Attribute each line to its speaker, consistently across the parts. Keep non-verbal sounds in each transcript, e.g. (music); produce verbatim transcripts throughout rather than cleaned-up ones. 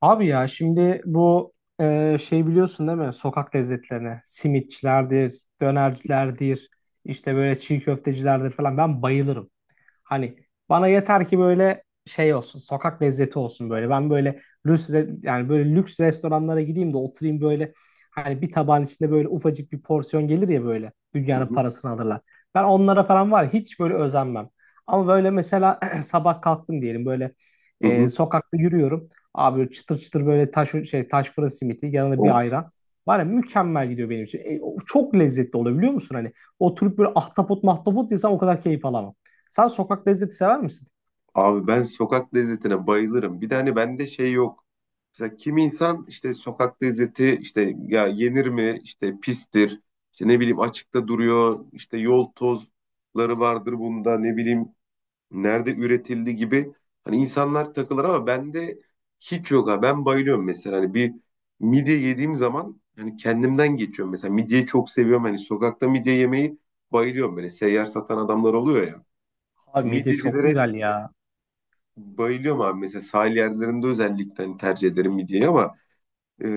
Speaker 1: Abi ya şimdi bu e, şey biliyorsun değil mi? Sokak lezzetlerine simitçilerdir, dönercilerdir, işte böyle çiğ köftecilerdir falan ben bayılırım. Hani bana yeter ki böyle şey olsun, sokak lezzeti olsun böyle. Ben böyle lüks re- yani böyle lüks restoranlara gideyim de oturayım böyle hani bir tabağın içinde böyle ufacık bir porsiyon gelir ya böyle
Speaker 2: Hı
Speaker 1: dünyanın
Speaker 2: hı,
Speaker 1: parasını alırlar. Ben onlara falan var ya, hiç böyle özenmem. Ama böyle mesela (clears throat) sabah kalktım diyelim böyle
Speaker 2: hı
Speaker 1: e,
Speaker 2: hı.
Speaker 1: sokakta yürüyorum. Abi çıtır çıtır böyle taş şey taş fırın simiti yanına
Speaker 2: Of
Speaker 1: bir ayran. Var ya mükemmel gidiyor benim için. E, o çok lezzetli oluyor biliyor musun? Hani oturup böyle ahtapot mahtapot yesem o kadar keyif alamam. Sen sokak lezzeti sever misin?
Speaker 2: abi, ben sokak lezzetine bayılırım. Bir de hani bende şey yok. Mesela kim insan işte sokak lezzeti, işte ya yenir mi, işte pistir. İşte ne bileyim, açıkta duruyor, işte yol tozları vardır bunda, ne bileyim nerede üretildi gibi, hani insanlar takılır ama bende hiç yok ha. Ben bayılıyorum mesela, hani bir midye yediğim zaman hani kendimden geçiyorum. Mesela midyeyi çok seviyorum. Hani sokakta midye yemeyi bayılıyorum, böyle seyyar satan adamlar oluyor ya.
Speaker 1: Abi
Speaker 2: Yani
Speaker 1: midye çok
Speaker 2: midyecilere
Speaker 1: güzel ya.
Speaker 2: bayılıyorum abi. Mesela sahil yerlerinde özellikle hani tercih ederim midyeyi ama e,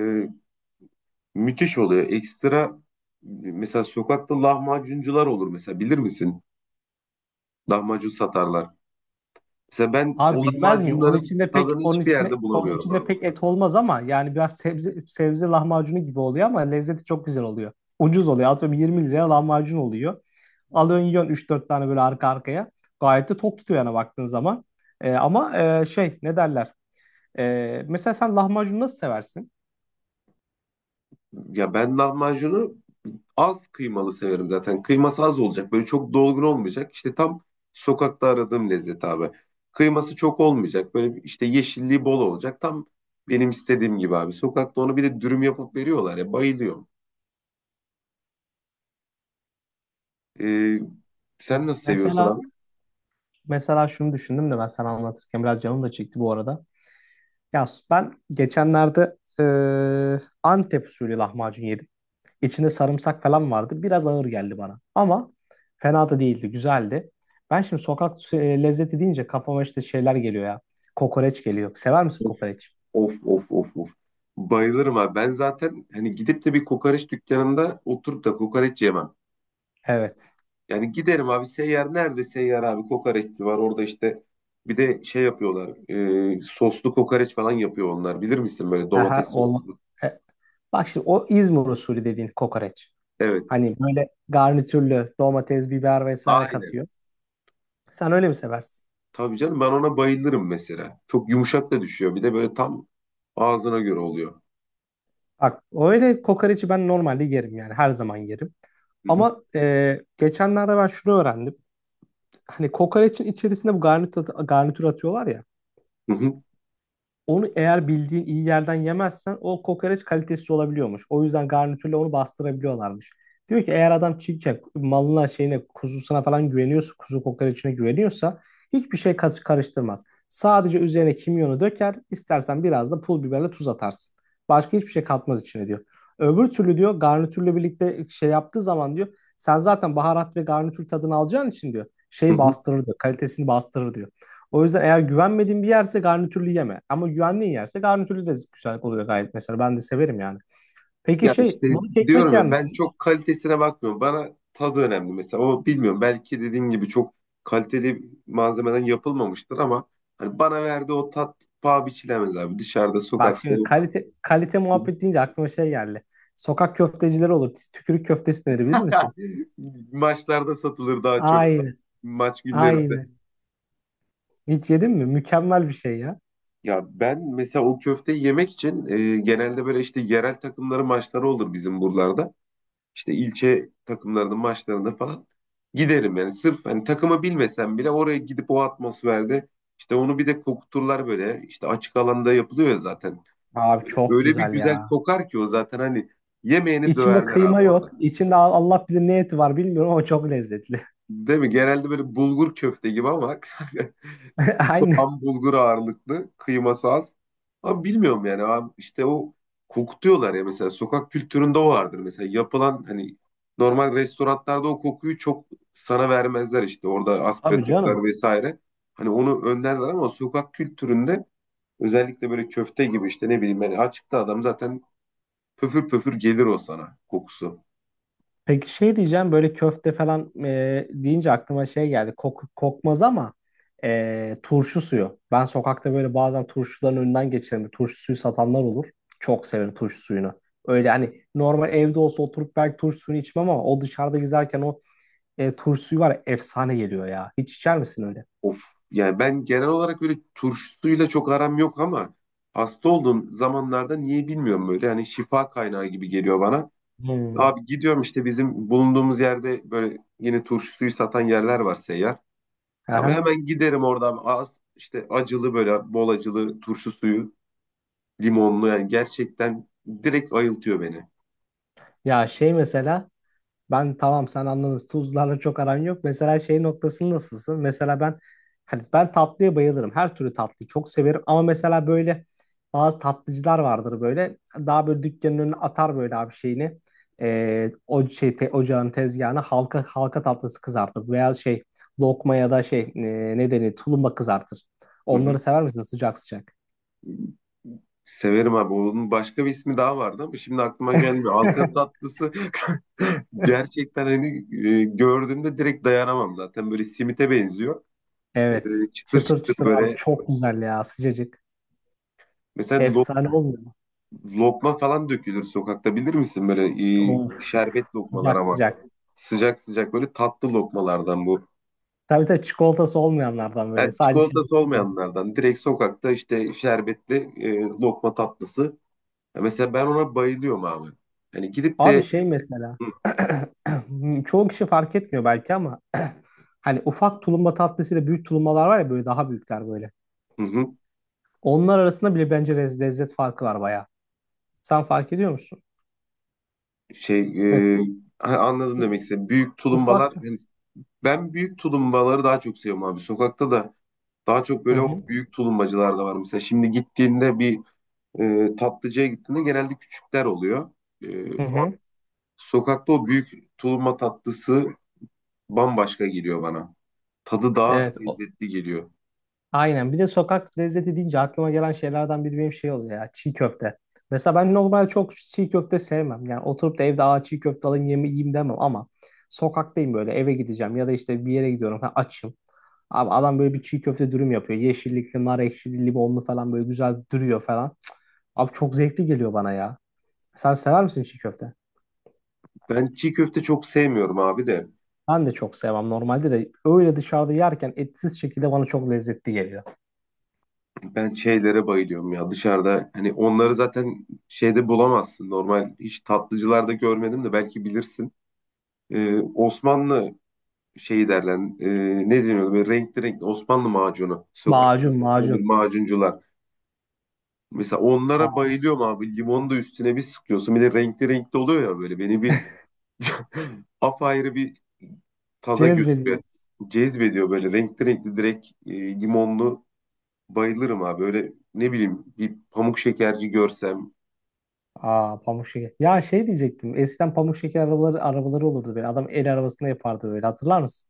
Speaker 2: müthiş oluyor. Ekstra mesela sokakta lahmacuncular olur, mesela bilir misin? Lahmacun satarlar. Mesela ben
Speaker 1: Abi
Speaker 2: o
Speaker 1: bilmez miyim? Onun
Speaker 2: lahmacunların
Speaker 1: içinde pek
Speaker 2: tadını
Speaker 1: onun
Speaker 2: hiçbir
Speaker 1: içinde
Speaker 2: yerde
Speaker 1: onun
Speaker 2: bulamıyorum
Speaker 1: içinde
Speaker 2: abi.
Speaker 1: pek et olmaz ama yani biraz sebze sebze lahmacunu gibi oluyor ama lezzeti çok güzel oluyor. Ucuz oluyor. Atıyorum 20 liraya lahmacun oluyor. Alıyorsun yiyorsun üç dört tane böyle arka arkaya. Gayet de tok tutuyor yani baktığın zaman. Ee, ama e, şey ne derler? Ee, mesela sen lahmacun nasıl seversin?
Speaker 2: Ya ben lahmacunu az kıymalı severim zaten. Kıyması az olacak. Böyle çok dolgun olmayacak. İşte tam sokakta aradığım lezzet abi. Kıyması çok olmayacak. Böyle bir- işte yeşilliği bol olacak. Tam benim istediğim gibi abi. Sokakta onu bir de dürüm yapıp veriyorlar ya. Bayılıyorum. Ee, Sen nasıl seviyorsun
Speaker 1: Mesela
Speaker 2: abi?
Speaker 1: mesela şunu düşündüm de ben sana anlatırken biraz canım da çekti bu arada. Ya ben geçenlerde e, Antep usulü lahmacun yedim. İçinde sarımsak falan vardı. Biraz ağır geldi bana. Ama fena da değildi. Güzeldi. Ben şimdi sokak e, lezzeti deyince kafama işte şeyler geliyor ya. Kokoreç geliyor. Sever misin kokoreç?
Speaker 2: Of of of of. Bayılırım abi. Ben zaten hani gidip de bir kokoreç dükkanında oturup da kokoreç yemem.
Speaker 1: Evet.
Speaker 2: Yani giderim abi, seyyar nerede seyyar abi kokoreççi var orada, işte bir de şey yapıyorlar, e, soslu kokoreç falan yapıyor onlar, bilir misin, böyle
Speaker 1: Aha,
Speaker 2: domates sos.
Speaker 1: olma. E, bak şimdi o İzmir usulü dediğin kokoreç.
Speaker 2: Evet,
Speaker 1: Hani böyle garnitürlü domates, biber vesaire
Speaker 2: aynen,
Speaker 1: katıyor. Sen öyle mi seversin?
Speaker 2: tabii canım, ben ona bayılırım. Mesela çok yumuşak da düşüyor, bir de böyle tam ağzına göre oluyor.
Speaker 1: Bak öyle kokoreçi ben normalde yerim yani her zaman yerim.
Speaker 2: Hı hı,
Speaker 1: Ama e, geçenlerde ben şunu öğrendim. Hani kokoreçin içerisinde bu garnitür, garnitür atıyorlar ya.
Speaker 2: hı hı,
Speaker 1: Onu eğer bildiğin iyi yerden yemezsen o kokoreç kalitesiz olabiliyormuş. O yüzden garnitürle onu bastırabiliyorlarmış. Diyor ki eğer adam çiğ malına şeyine kuzusuna falan güveniyorsa kuzu kokoreçine güveniyorsa hiçbir şey karış- karıştırmaz. Sadece üzerine kimyonu döker istersen biraz da pul biberle tuz atarsın. Başka hiçbir şey katmaz içine diyor. Öbür türlü diyor garnitürle birlikte şey yaptığı zaman diyor sen zaten baharat ve garnitür tadını alacağın için diyor
Speaker 2: hı
Speaker 1: şeyi
Speaker 2: hı.
Speaker 1: bastırır diyor kalitesini bastırır diyor. O yüzden eğer güvenmediğin bir yerse garnitürlü yeme. Ama güvendiğin yerse garnitürlü de güzel oluyor gayet mesela. Ben de severim yani. Peki
Speaker 2: Ya
Speaker 1: şey,
Speaker 2: işte
Speaker 1: balık ekmek
Speaker 2: diyorum
Speaker 1: yer
Speaker 2: ya, ben
Speaker 1: misin?
Speaker 2: çok kalitesine bakmıyorum, bana tadı önemli. Mesela o bilmiyorum, belki dediğin gibi çok kaliteli malzemeden yapılmamıştır ama hani bana verdiği o tat paha biçilemez abi, dışarıda
Speaker 1: Bak
Speaker 2: sokakta.
Speaker 1: şimdi kalite kalite muhabbet deyince aklıma şey geldi. Sokak köftecileri olur. Tükürük köftesi denir bilir misin?
Speaker 2: (laughs) Maçlarda satılır daha çok.
Speaker 1: Aynen,
Speaker 2: Maç günlerinde.
Speaker 1: aynen. Hiç yedin mi? Mükemmel bir şey ya.
Speaker 2: Ya ben mesela o köfteyi yemek için e, genelde böyle işte yerel takımların maçları olur bizim buralarda. İşte ilçe takımlarının maçlarında falan giderim yani. Sırf hani takımı bilmesem bile oraya gidip o atmosferde, işte onu bir de kokuturlar böyle. İşte açık alanda yapılıyor ya zaten.
Speaker 1: Abi
Speaker 2: Böyle,
Speaker 1: çok
Speaker 2: öyle bir
Speaker 1: güzel
Speaker 2: güzel
Speaker 1: ya.
Speaker 2: kokar ki o zaten hani yemeğini
Speaker 1: İçinde
Speaker 2: döverler abi
Speaker 1: kıyma
Speaker 2: orada.
Speaker 1: yok. İçinde Allah bilir ne eti var bilmiyorum ama çok lezzetli.
Speaker 2: Değil mi? Genelde böyle bulgur köfte gibi ama. (laughs)
Speaker 1: (laughs) Aynen.
Speaker 2: Soğan bulgur ağırlıklı, kıyması az. Ama bilmiyorum yani abi, işte o kokutuyorlar ya, mesela sokak kültüründe o vardır. Mesela yapılan hani normal restoranlarda o kokuyu çok sana vermezler, işte orada
Speaker 1: Abi
Speaker 2: aspiratörler
Speaker 1: canım.
Speaker 2: vesaire. Hani onu önlerler ama sokak kültüründe özellikle böyle köfte gibi, işte ne bileyim, hani açıkta adam zaten pöpür pöpür gelir o sana kokusu.
Speaker 1: Peki şey diyeceğim böyle köfte falan e, deyince aklıma şey geldi. Kok, kokmaz ama e, turşu suyu. Ben sokakta böyle bazen turşuların önünden geçerim. Turşu suyu satanlar olur. Çok severim turşu suyunu. Öyle hani normal evde olsa oturup belki turşu suyunu içmem ama o dışarıda gezerken o e, turşu suyu var ya, efsane geliyor ya. Hiç içer misin öyle?
Speaker 2: Of. Yani ben genel olarak böyle turşusuyla çok aram yok ama hasta olduğum zamanlarda niye bilmiyorum, böyle hani şifa kaynağı gibi geliyor bana.
Speaker 1: Hmm.
Speaker 2: Abi gidiyorum, işte bizim bulunduğumuz yerde böyle yine turşusuyu satan yerler var, seyyar. Abi
Speaker 1: Aha.
Speaker 2: hemen giderim orada abi. Az işte acılı, böyle bol acılı turşu suyu, limonlu, yani gerçekten direkt ayıltıyor beni.
Speaker 1: Ya şey mesela. Ben tamam sen anladın. Tuzlarla çok aran yok. Mesela şey noktası nasılsın? Mesela ben hani ben tatlıya bayılırım. Her türlü tatlıyı çok severim. Ama mesela böyle bazı tatlıcılar vardır böyle. Daha böyle dükkanın önüne atar böyle abi şeyini. Ee, o şey te- ocağın tezgahına halka halka tatlısı kızartır. Veya şey lokma ya da şey e, ne denir tulumba kızartır.
Speaker 2: Hı hı.
Speaker 1: Onları sever misin sıcak sıcak?
Speaker 2: Severim abi. Onun başka bir ismi daha vardı ama şimdi aklıma gelmiyor. Halka
Speaker 1: (laughs)
Speaker 2: tatlısı. (laughs) Gerçekten hani e, gördüğümde direkt dayanamam zaten. Böyle simite benziyor. E,
Speaker 1: Evet.
Speaker 2: Çıtır
Speaker 1: Çıtır
Speaker 2: çıtır
Speaker 1: çıtır abi
Speaker 2: böyle.
Speaker 1: çok güzel ya sıcacık.
Speaker 2: Mesela lo-
Speaker 1: Efsane olmuyor mu?
Speaker 2: lokma falan dökülür sokakta bilir misin? Böyle e,
Speaker 1: Of
Speaker 2: şerbet lokmalar
Speaker 1: sıcak
Speaker 2: ama.
Speaker 1: sıcak.
Speaker 2: Sıcak sıcak böyle tatlı lokmalardan bu.
Speaker 1: Tabii tabii çikolatası olmayanlardan böyle.
Speaker 2: Yani
Speaker 1: Sadece şey.
Speaker 2: çikolatası olmayanlardan. Direkt sokakta işte şerbetli e, lokma tatlısı. Ya mesela ben ona bayılıyorum abi. Hani gidip
Speaker 1: Abi
Speaker 2: de.
Speaker 1: şey mesela. (clears throat) Çoğu kişi fark etmiyor belki ama (clears throat) hani ufak tulumba tatlısıyla büyük tulumbalar var ya böyle daha büyükler böyle.
Speaker 2: Hı hı.
Speaker 1: Onlar arasında bile bence lez- lezzet farkı var bayağı. Sen fark ediyor musun?
Speaker 2: Şey e,
Speaker 1: Mesela
Speaker 2: ha, anladım demek
Speaker 1: uf-
Speaker 2: istedim. Büyük
Speaker 1: ufak.
Speaker 2: tulumbalar. Yani ben büyük tulumbaları daha çok seviyorum abi. Sokakta da daha çok
Speaker 1: Hı
Speaker 2: böyle o
Speaker 1: hı.
Speaker 2: büyük tulumbacılar da var. Mesela şimdi gittiğinde bir e, tatlıcıya gittiğinde genelde küçükler oluyor. E,
Speaker 1: Hı
Speaker 2: o-
Speaker 1: hı.
Speaker 2: Sokakta o büyük tulumba tatlısı bambaşka geliyor bana. Tadı daha
Speaker 1: Evet.
Speaker 2: lezzetli geliyor.
Speaker 1: Aynen. Bir de sokak lezzeti deyince aklıma gelen şeylerden biri benim şey oluyor ya. Çiğ köfte. Mesela ben normal çok çiğ köfte sevmem. Yani oturup da evde Aa, çiğ köfte alayım yeme- yiyeyim demem ama sokaktayım böyle eve gideceğim ya da işte bir yere gidiyorum ha, açım. Abi adam böyle bir çiğ köfte dürüm yapıyor. Yeşillikli, nar ekşili, limonlu falan böyle güzel duruyor falan. Cık, abi çok zevkli geliyor bana ya. Sen sever misin çiğ köfte?
Speaker 2: Ben çiğ köfte çok sevmiyorum abi de.
Speaker 1: Ben de çok sevmem normalde de öyle dışarıda yerken etsiz şekilde bana çok lezzetli geliyor.
Speaker 2: Ben şeylere bayılıyorum ya dışarıda. Hani onları zaten şeyde bulamazsın. Normal hiç tatlıcılarda görmedim de belki bilirsin. e, Osmanlı şeyi derler. E, ne deniyordu? Böyle renkli renkli Osmanlı macunu. Sokakta
Speaker 1: Macun
Speaker 2: olur
Speaker 1: macun.
Speaker 2: macuncular. Mesela onlara bayılıyorum abi. Limonu da üstüne bir sıkıyorsun. Bir de renkli renkli oluyor ya böyle. Beni bir (laughs) apayrı bir tada götürüyor.
Speaker 1: Cezbedici.
Speaker 2: Cezbediyor böyle renkli renkli direkt e, limonlu bayılırım abi. Öyle ne bileyim bir pamuk şekerci görsem.
Speaker 1: Aa pamuk şeker. Ya şey diyecektim. Eskiden pamuk şeker arabaları arabaları olurdu böyle. Adam el arabasında yapardı böyle. Hatırlar mısın?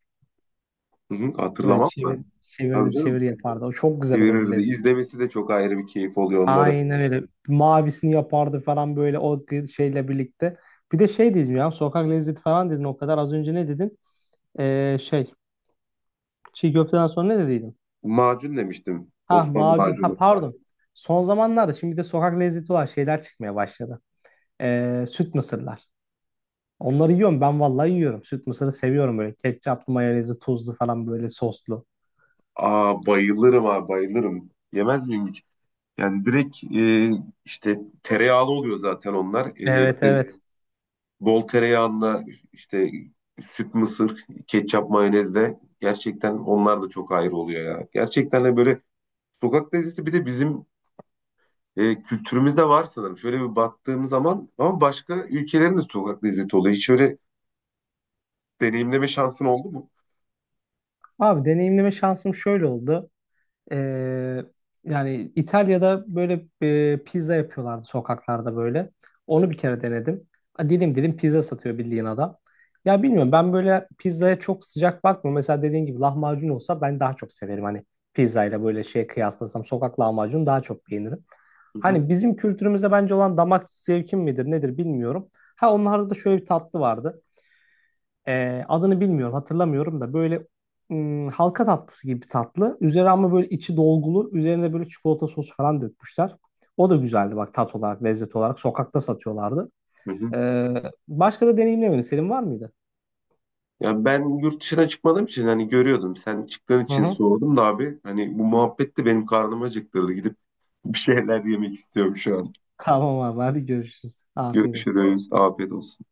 Speaker 2: Hı hı,
Speaker 1: Böyle
Speaker 2: hatırlamam mı?
Speaker 1: çevir
Speaker 2: Tabii
Speaker 1: çevirdir
Speaker 2: canım.
Speaker 1: çevir yapardı. O çok güzel olurdu
Speaker 2: Verirdi.
Speaker 1: lezzet.
Speaker 2: İzlemesi de çok ayrı bir keyif oluyor onları.
Speaker 1: Aynen öyle. Mavisini yapardı falan böyle o gı- şeyle birlikte. Bir de şey dedim ya. Sokak lezzeti falan dedin o kadar. Az önce ne dedin? Ee, şey çiğ köfteden sonra ne dediydin?
Speaker 2: Macun demiştim.
Speaker 1: Ha
Speaker 2: Osmanlı
Speaker 1: macun. Ha
Speaker 2: macunu.
Speaker 1: pardon. Son zamanlarda şimdi bir de sokak lezzeti olan şeyler çıkmaya başladı. Ee, süt mısırlar. Onları yiyorum. Ben vallahi yiyorum. Süt mısırı seviyorum böyle. Ketçaplı, mayonezli, tuzlu falan böyle soslu.
Speaker 2: Aa, bayılırım abi, bayılırım. Yemez miyim hiç? Yani direkt e, işte tereyağlı oluyor zaten onlar. E,
Speaker 1: Evet
Speaker 2: te-
Speaker 1: evet.
Speaker 2: bol tereyağında işte süt mısır, ketçap mayonezle gerçekten onlar da çok ayrı oluyor ya. Gerçekten de böyle sokak lezzeti bir de bizim e, kültürümüzde var sanırım. Şöyle bir baktığım zaman ama başka ülkelerin de sokak lezzeti oluyor. Hiç öyle deneyimleme şansın oldu mu?
Speaker 1: Abi deneyimleme şansım şöyle oldu. Ee, yani İtalya'da böyle e, pizza yapıyorlardı sokaklarda böyle. Onu bir kere denedim. A, dilim dilim pizza satıyor bildiğin adam. Ya bilmiyorum ben böyle pizzaya çok sıcak bakmıyorum. Mesela dediğin gibi lahmacun olsa ben daha çok severim. Hani pizzayla böyle şey kıyaslasam sokak lahmacun daha çok beğenirim.
Speaker 2: Hı hı,
Speaker 1: Hani bizim kültürümüzde bence olan damak zevkim midir nedir bilmiyorum. Ha onlarda da şöyle bir tatlı vardı. Ee, adını bilmiyorum, hatırlamıyorum da böyle ım, halka tatlısı gibi bir tatlı. Üzeri ama böyle içi dolgulu, üzerine böyle çikolata sosu falan dökmüşler. O da güzeldi bak tat olarak, lezzet olarak. Sokakta satıyorlardı.
Speaker 2: hı hı.
Speaker 1: Ee, başka da deneyimlemedim. Senin var mıydı?
Speaker 2: Ya ben yurt dışına çıkmadığım için hani görüyordum. Sen çıktığın
Speaker 1: Hı
Speaker 2: için
Speaker 1: hı.
Speaker 2: sordum da abi. Hani bu muhabbet de benim karnımı acıktırdı. Gidip bir şeyler yemek istiyorum şu
Speaker 1: (laughs)
Speaker 2: an.
Speaker 1: Tamam abi, hadi görüşürüz. Afiyet olsun.
Speaker 2: Görüşürüz. Afiyet olsun.